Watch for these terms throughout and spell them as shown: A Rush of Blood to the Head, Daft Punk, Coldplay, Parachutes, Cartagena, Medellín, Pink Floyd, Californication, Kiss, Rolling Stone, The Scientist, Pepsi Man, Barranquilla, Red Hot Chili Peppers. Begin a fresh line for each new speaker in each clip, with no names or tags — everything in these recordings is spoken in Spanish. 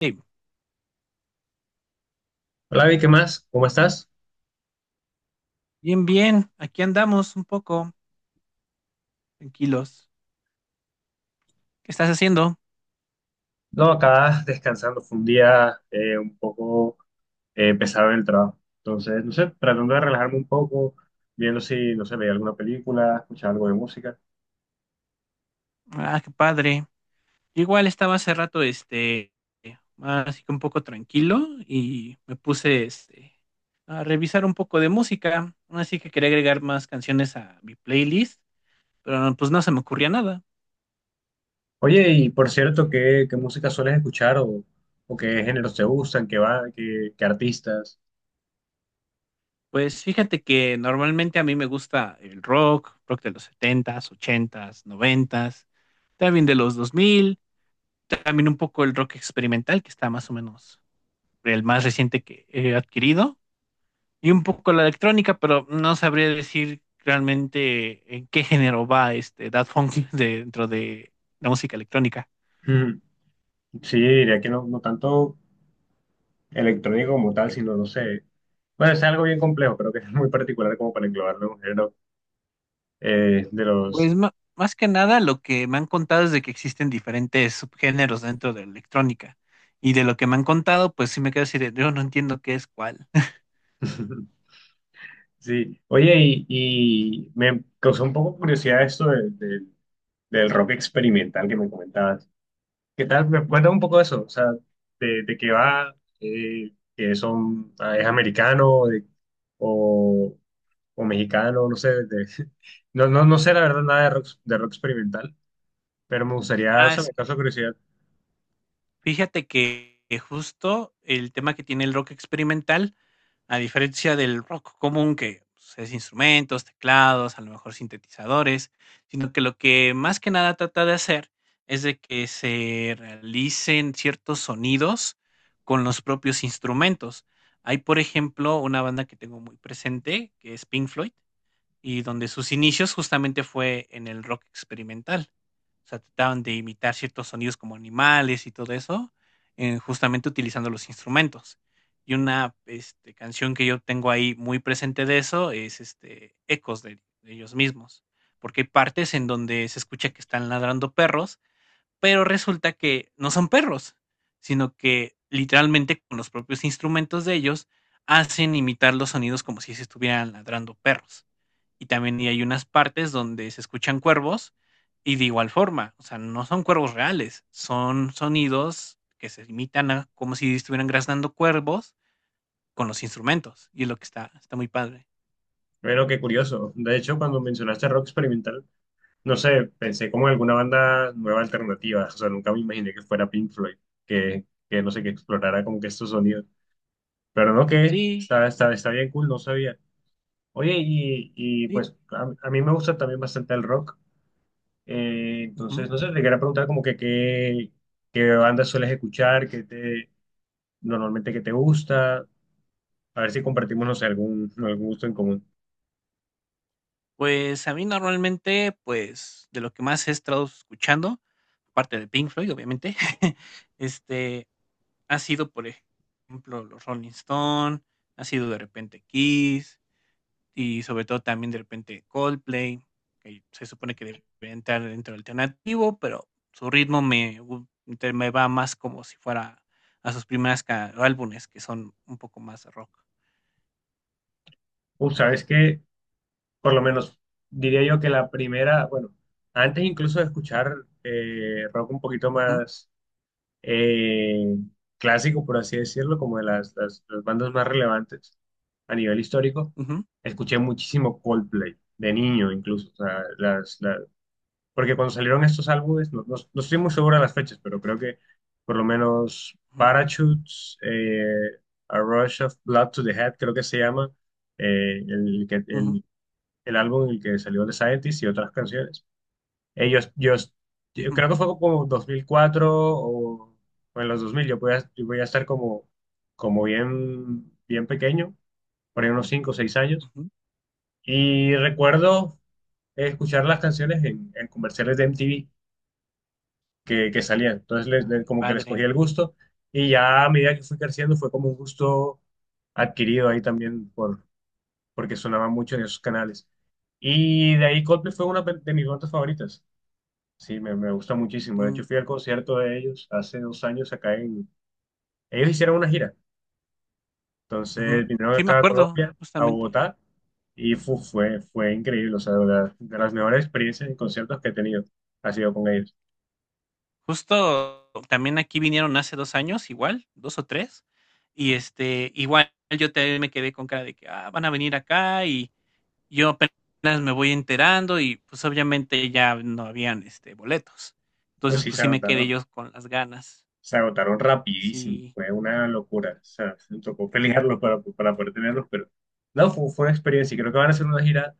Sí,
Hola, Vi, ¿qué más? ¿Cómo estás?
bien, bien. Aquí andamos un poco tranquilos. ¿Qué estás haciendo?
No, acá descansando. Fue un día un poco pesado en el trabajo. Entonces, no sé, tratando de relajarme un poco, viendo si, no sé, veía alguna película, escuchaba algo de música.
Ah, qué padre. Yo igual estaba hace rato, más así que un poco tranquilo y me puse, a revisar un poco de música. Así que quería agregar más canciones a mi playlist, pero no, pues no se me ocurría nada.
Oye, y por cierto, ¿qué música sueles escuchar o qué géneros te gustan, qué va, qué artistas?
Pues fíjate que normalmente a mí me gusta el rock, rock de los setentas, ochentas, noventas, también de los 2000, también un poco el rock experimental que está más o menos el más reciente que he adquirido, y un poco la electrónica, pero no sabría decir realmente en qué género va Daft Punk dentro de la música electrónica.
Ujú. Sí, diría que no, no tanto electrónico como tal, sino, no sé. Bueno, es algo bien complejo, pero que es muy particular como para englobarlo en un género de los...
Pues más que nada lo que me han contado es de que existen diferentes subgéneros dentro de la electrónica. Y de lo que me han contado, pues sí me quedo así de, yo no entiendo qué es cuál.
Sí, oye, y me causó un poco curiosidad esto del rock experimental que me comentabas. ¿Qué tal? Me cuenta un poco de eso, o sea, de qué va, que son, ah, ¿es americano de- o, o mexicano? No sé, de- no, no, no sé la verdad nada de rock, de rock experimental, pero me gustaría, o
Ah,
sea,
es
me causa
que.
curiosidad.
Fíjate que justo el tema que tiene el rock experimental, a diferencia del rock común que, pues, es instrumentos, teclados, a lo mejor sintetizadores, sino que lo que más que nada trata de hacer es de que se realicen ciertos sonidos con los propios instrumentos. Hay, por ejemplo, una banda que tengo muy presente, que es Pink Floyd. Y donde sus inicios justamente fue en el rock experimental. O sea, trataban de imitar ciertos sonidos como animales y todo eso, justamente utilizando los instrumentos. Y una canción que yo tengo ahí muy presente de eso es Ecos, de ellos mismos, porque hay partes en donde se escucha que están ladrando perros, pero resulta que no son perros, sino que literalmente con los propios instrumentos de ellos hacen imitar los sonidos como si se estuvieran ladrando perros. Y también hay unas partes donde se escuchan cuervos y de igual forma, o sea, no son cuervos reales, son sonidos que se imitan a como si estuvieran graznando cuervos con los instrumentos y es lo que está, está muy padre.
Bueno, qué curioso. De hecho, cuando mencionaste rock experimental, no sé, pensé como en alguna banda nueva alternativa, o sea, nunca me imaginé que fuera Pink Floyd, que no sé, que explorara como que estos sonidos. Pero no, que
Sí,
está bien cool, no sabía. Oye, y
sí.
pues a mí me gusta también bastante el rock,
Ujú.
entonces, no sé, te quería preguntar como que qué, qué bandas sueles escuchar, qué te, normalmente qué te gusta, a ver si compartimos, no sé, algún, algún gusto en común.
Pues a mí normalmente, pues, de lo que más he estado escuchando, aparte de Pink Floyd, obviamente, este, ha sido, por ejemplo, los Rolling Stone, ha sido de repente Kiss y sobre todo también de repente Coldplay, que se supone que debería entrar dentro del alternativo, pero su ritmo me gu te me va más como si fuera a sus primeras ca álbumes, que son un poco más rock.
¿Sabes qué? Por lo menos diría yo que la primera, bueno, antes incluso de escuchar rock un poquito
Ujú,
más eh, clásico, por así decirlo, como de las bandas más relevantes a nivel histórico,
ujú,
escuché muchísimo Coldplay, de niño incluso, o sea, porque cuando salieron estos álbumes, no estoy muy seguro de las fechas, pero creo que por lo menos
ujú,
Parachutes, A Rush of Blood to the Head, creo que se llama, eh, el, que-
ujú,
el, el álbum en el que salió The Scientist y otras canciones. Ellos, yo
ujú,
creo que fue como 2004 o en los dos mil. Yo voy a, yo voy a estar como, como bien, bien pequeño, por ahí unos 5 o seis años.
ujú.
Y recuerdo escuchar las canciones en comerciales de MTV que salían. Entonces,
Ah, qué
como que les cogí
padre.
el gusto. Y ya a medida que fui creciendo, fue como un gusto adquirido ahí también por, porque sonaba mucho en esos canales. Y de ahí Coldplay fue una de mis bandas favoritas. Sí, me gusta muchísimo. De hecho,
Mm.
fui al concierto de ellos hace dos años acá en... Ellos hicieron una gira.
Ujú.
Entonces vinieron
Sí, me
acá a
acuerdo,
Colombia, a
justamente.
Bogotá, y fue increíble. O sea, de verdad, de las mejores experiencias y conciertos que he tenido ha sido con ellos.
Justo también aquí vinieron hace 2 años, igual, 2 o 3, y, igual yo también me quedé con cara de que, ah, van a venir acá y yo apenas me voy enterando y, pues, obviamente ya no habían, boletos.
Pues
Entonces,
sí,
pues, sí me quedé yo con las ganas.
se agotaron rapidísimo.
Sí,
Fue una locura. O sea, me tocó pelearlos para poder tenerlos, pero no, fue, fue una experiencia. Y creo que van a hacer una gira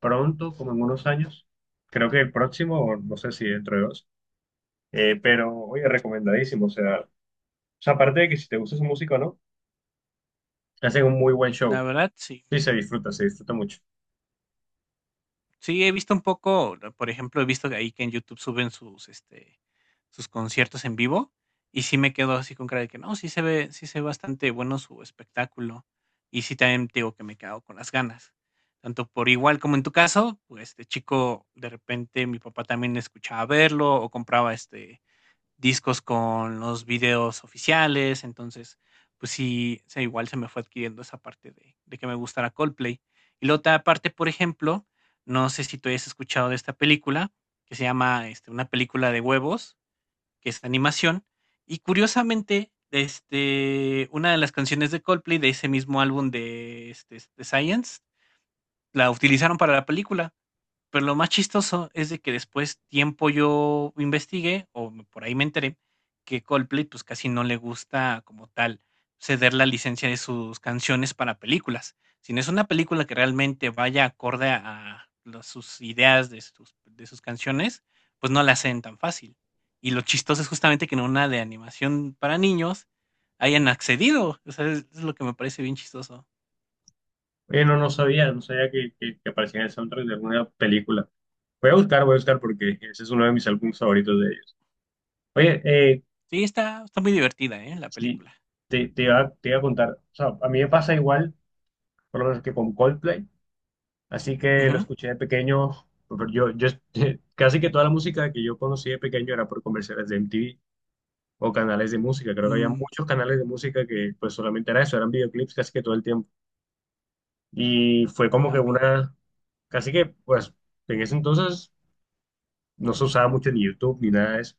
pronto, como en unos años. Creo que el próximo, o no sé si dentro de dos. Pero, oye, recomendadísimo. O sea, aparte de que si te gusta su música o no, hacen un muy buen show.
la verdad, sí.
Sí, se disfruta mucho.
Sí, he visto un poco, ¿no? Por ejemplo, he visto que ahí que en YouTube suben sus, sus conciertos en vivo y sí me quedo así con cara de que no, sí se ve bastante bueno su espectáculo, y sí también te digo que me quedo con las ganas. Tanto por igual como en tu caso, pues este chico, de repente mi papá también escuchaba verlo o compraba discos con los videos oficiales, entonces pues sí, igual se me fue adquiriendo esa parte de que me gustara Coldplay. Y la otra parte, por ejemplo, no sé si tú hayas escuchado de esta película, que se llama, Una película de huevos, que es animación, y curiosamente, una de las canciones de Coldplay de ese mismo álbum de, de Science, la utilizaron para la película. Pero lo más chistoso es de que después tiempo yo investigué, por ahí me enteré, que Coldplay pues casi no le gusta como tal ceder la licencia de sus canciones para películas. Si no es una película que realmente vaya acorde a los- sus ideas de sus canciones, pues no la hacen tan fácil. Y lo chistoso es justamente que en una de animación para niños hayan accedido. O sea, es lo que me parece bien chistoso.
Oye, no, no sabía que, que aparecía en el soundtrack de alguna película. Voy a buscar porque ese es uno de mis álbumes favoritos de ellos. Oye,
Sí, está, está muy divertida, ¿eh? La
sí,
película.
te iba a contar, o sea, a mí me pasa igual, por lo menos que con Coldplay, así que lo
Ujú.
escuché de pequeño, pero yo casi que toda la música que yo conocí de pequeño era por comerciales de MTV o canales de música, creo que había
Mm,
muchos canales de música que pues solamente era eso, eran videoclips casi que todo el tiempo. Y fue como
ah,
que
mira.
una, casi que, pues, en ese entonces no se usaba mucho ni YouTube ni nada de eso.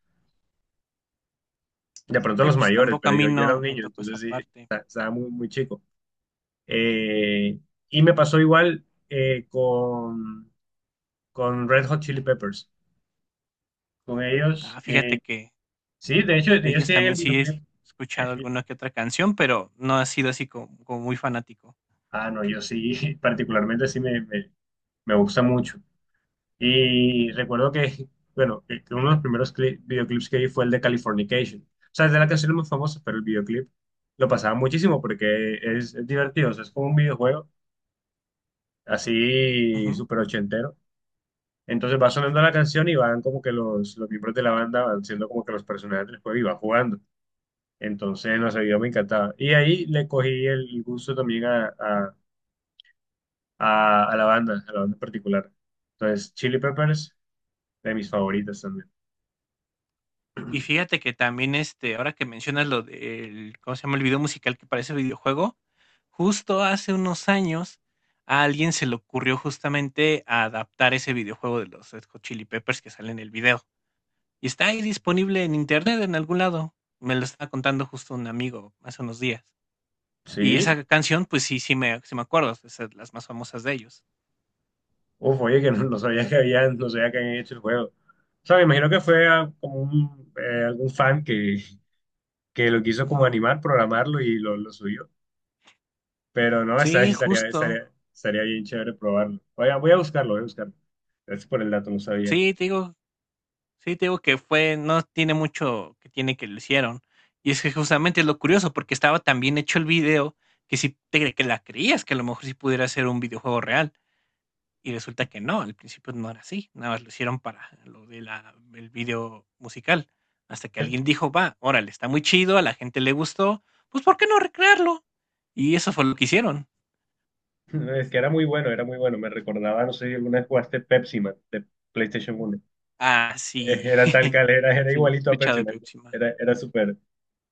De pronto
Sí,
los
pues
mayores,
tampoco a
pero
mí
yo era un
no me
niño,
tocó
entonces
esa
sí,
parte.
estaba muy, muy chico. Eh, y me pasó igual con Red Hot Chili Peppers. Con ellos,
Ah, fíjate que
sí, de hecho,
de
ellos
ellos
tienen el
también sí he
videoclip.
escuchado
Eh,
alguna que otra canción, pero no ha sido así como, como muy fanático.
ah, no, yo sí, particularmente me gusta mucho. Y recuerdo que, bueno, que uno de los primeros videoclips que vi fue el de Californication. O sea, es de la canción más famosa, pero el videoclip lo pasaba muchísimo porque es divertido. O sea, es como un videojuego así
Ujú.
súper ochentero. Entonces va sonando la canción y van como que los miembros de la banda van siendo como que los personajes del juego y van jugando. Entonces, no sé, yo me encantaba. Y ahí le cogí el gusto también a la banda en particular. Entonces, Chili Peppers, de mis favoritas también.
Y fíjate que también, ahora que mencionas lo del, ¿cómo se llama? El video musical que parece videojuego, justo hace unos años a alguien se le ocurrió justamente adaptar ese videojuego de los Red Hot Chili Peppers que sale en el video. Y está ahí disponible en internet en algún lado. Me lo estaba contando justo un amigo hace unos días. Y
Sí,
esa canción, pues sí, sí me acuerdo, es de las más famosas de ellos.
uf, oye, que no, no sabía que habían, no sabía que habían hecho el juego. O sea, me imagino que fue como un, algún fan que lo quiso como
Ujú.
animar, programarlo y lo subió. Pero no,
Sí, justo.
estaría bien chévere probarlo. Voy a, voy a buscarlo, voy a buscarlo. Gracias por el dato, no sabía.
Sí, te digo, sí, te digo que fue, no tiene mucho que tiene que lo hicieron. Y es que justamente es lo curioso, porque estaba tan bien hecho el video que si que la creías que a lo mejor sí pudiera ser un videojuego real. Y resulta que no, al principio no era así, nada más lo hicieron para lo de la el video musical. Hasta que alguien dijo: "Va, órale, está muy chido, a la gente le gustó, pues, ¿por qué no recrearlo?". Y eso fue lo que hicieron.
Es que era muy bueno, era muy bueno. Me recordaba, no sé si alguna vez jugaste Pepsi Man de PlayStation uno.
Ah, sí.
Era tal cal, era
Sí, he
igualito a
escuchado
Pepsi
de
Man.
Pepsi Man.
Era, era súper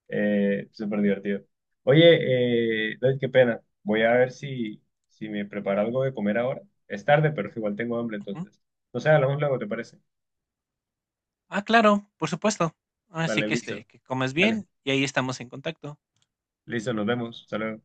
Eh, súper divertido. Oye, David, qué pena. Voy a ver si, si me preparo algo de comer ahora. Es tarde, pero igual tengo hambre,
Ujú.
entonces. No sé, hablamos luego, ¿te parece?
Ah, claro, por supuesto. Así
Vale,
que,
listo.
que comas
Vale,
bien y ahí estamos en contacto.
listo, nos vemos. Hasta luego.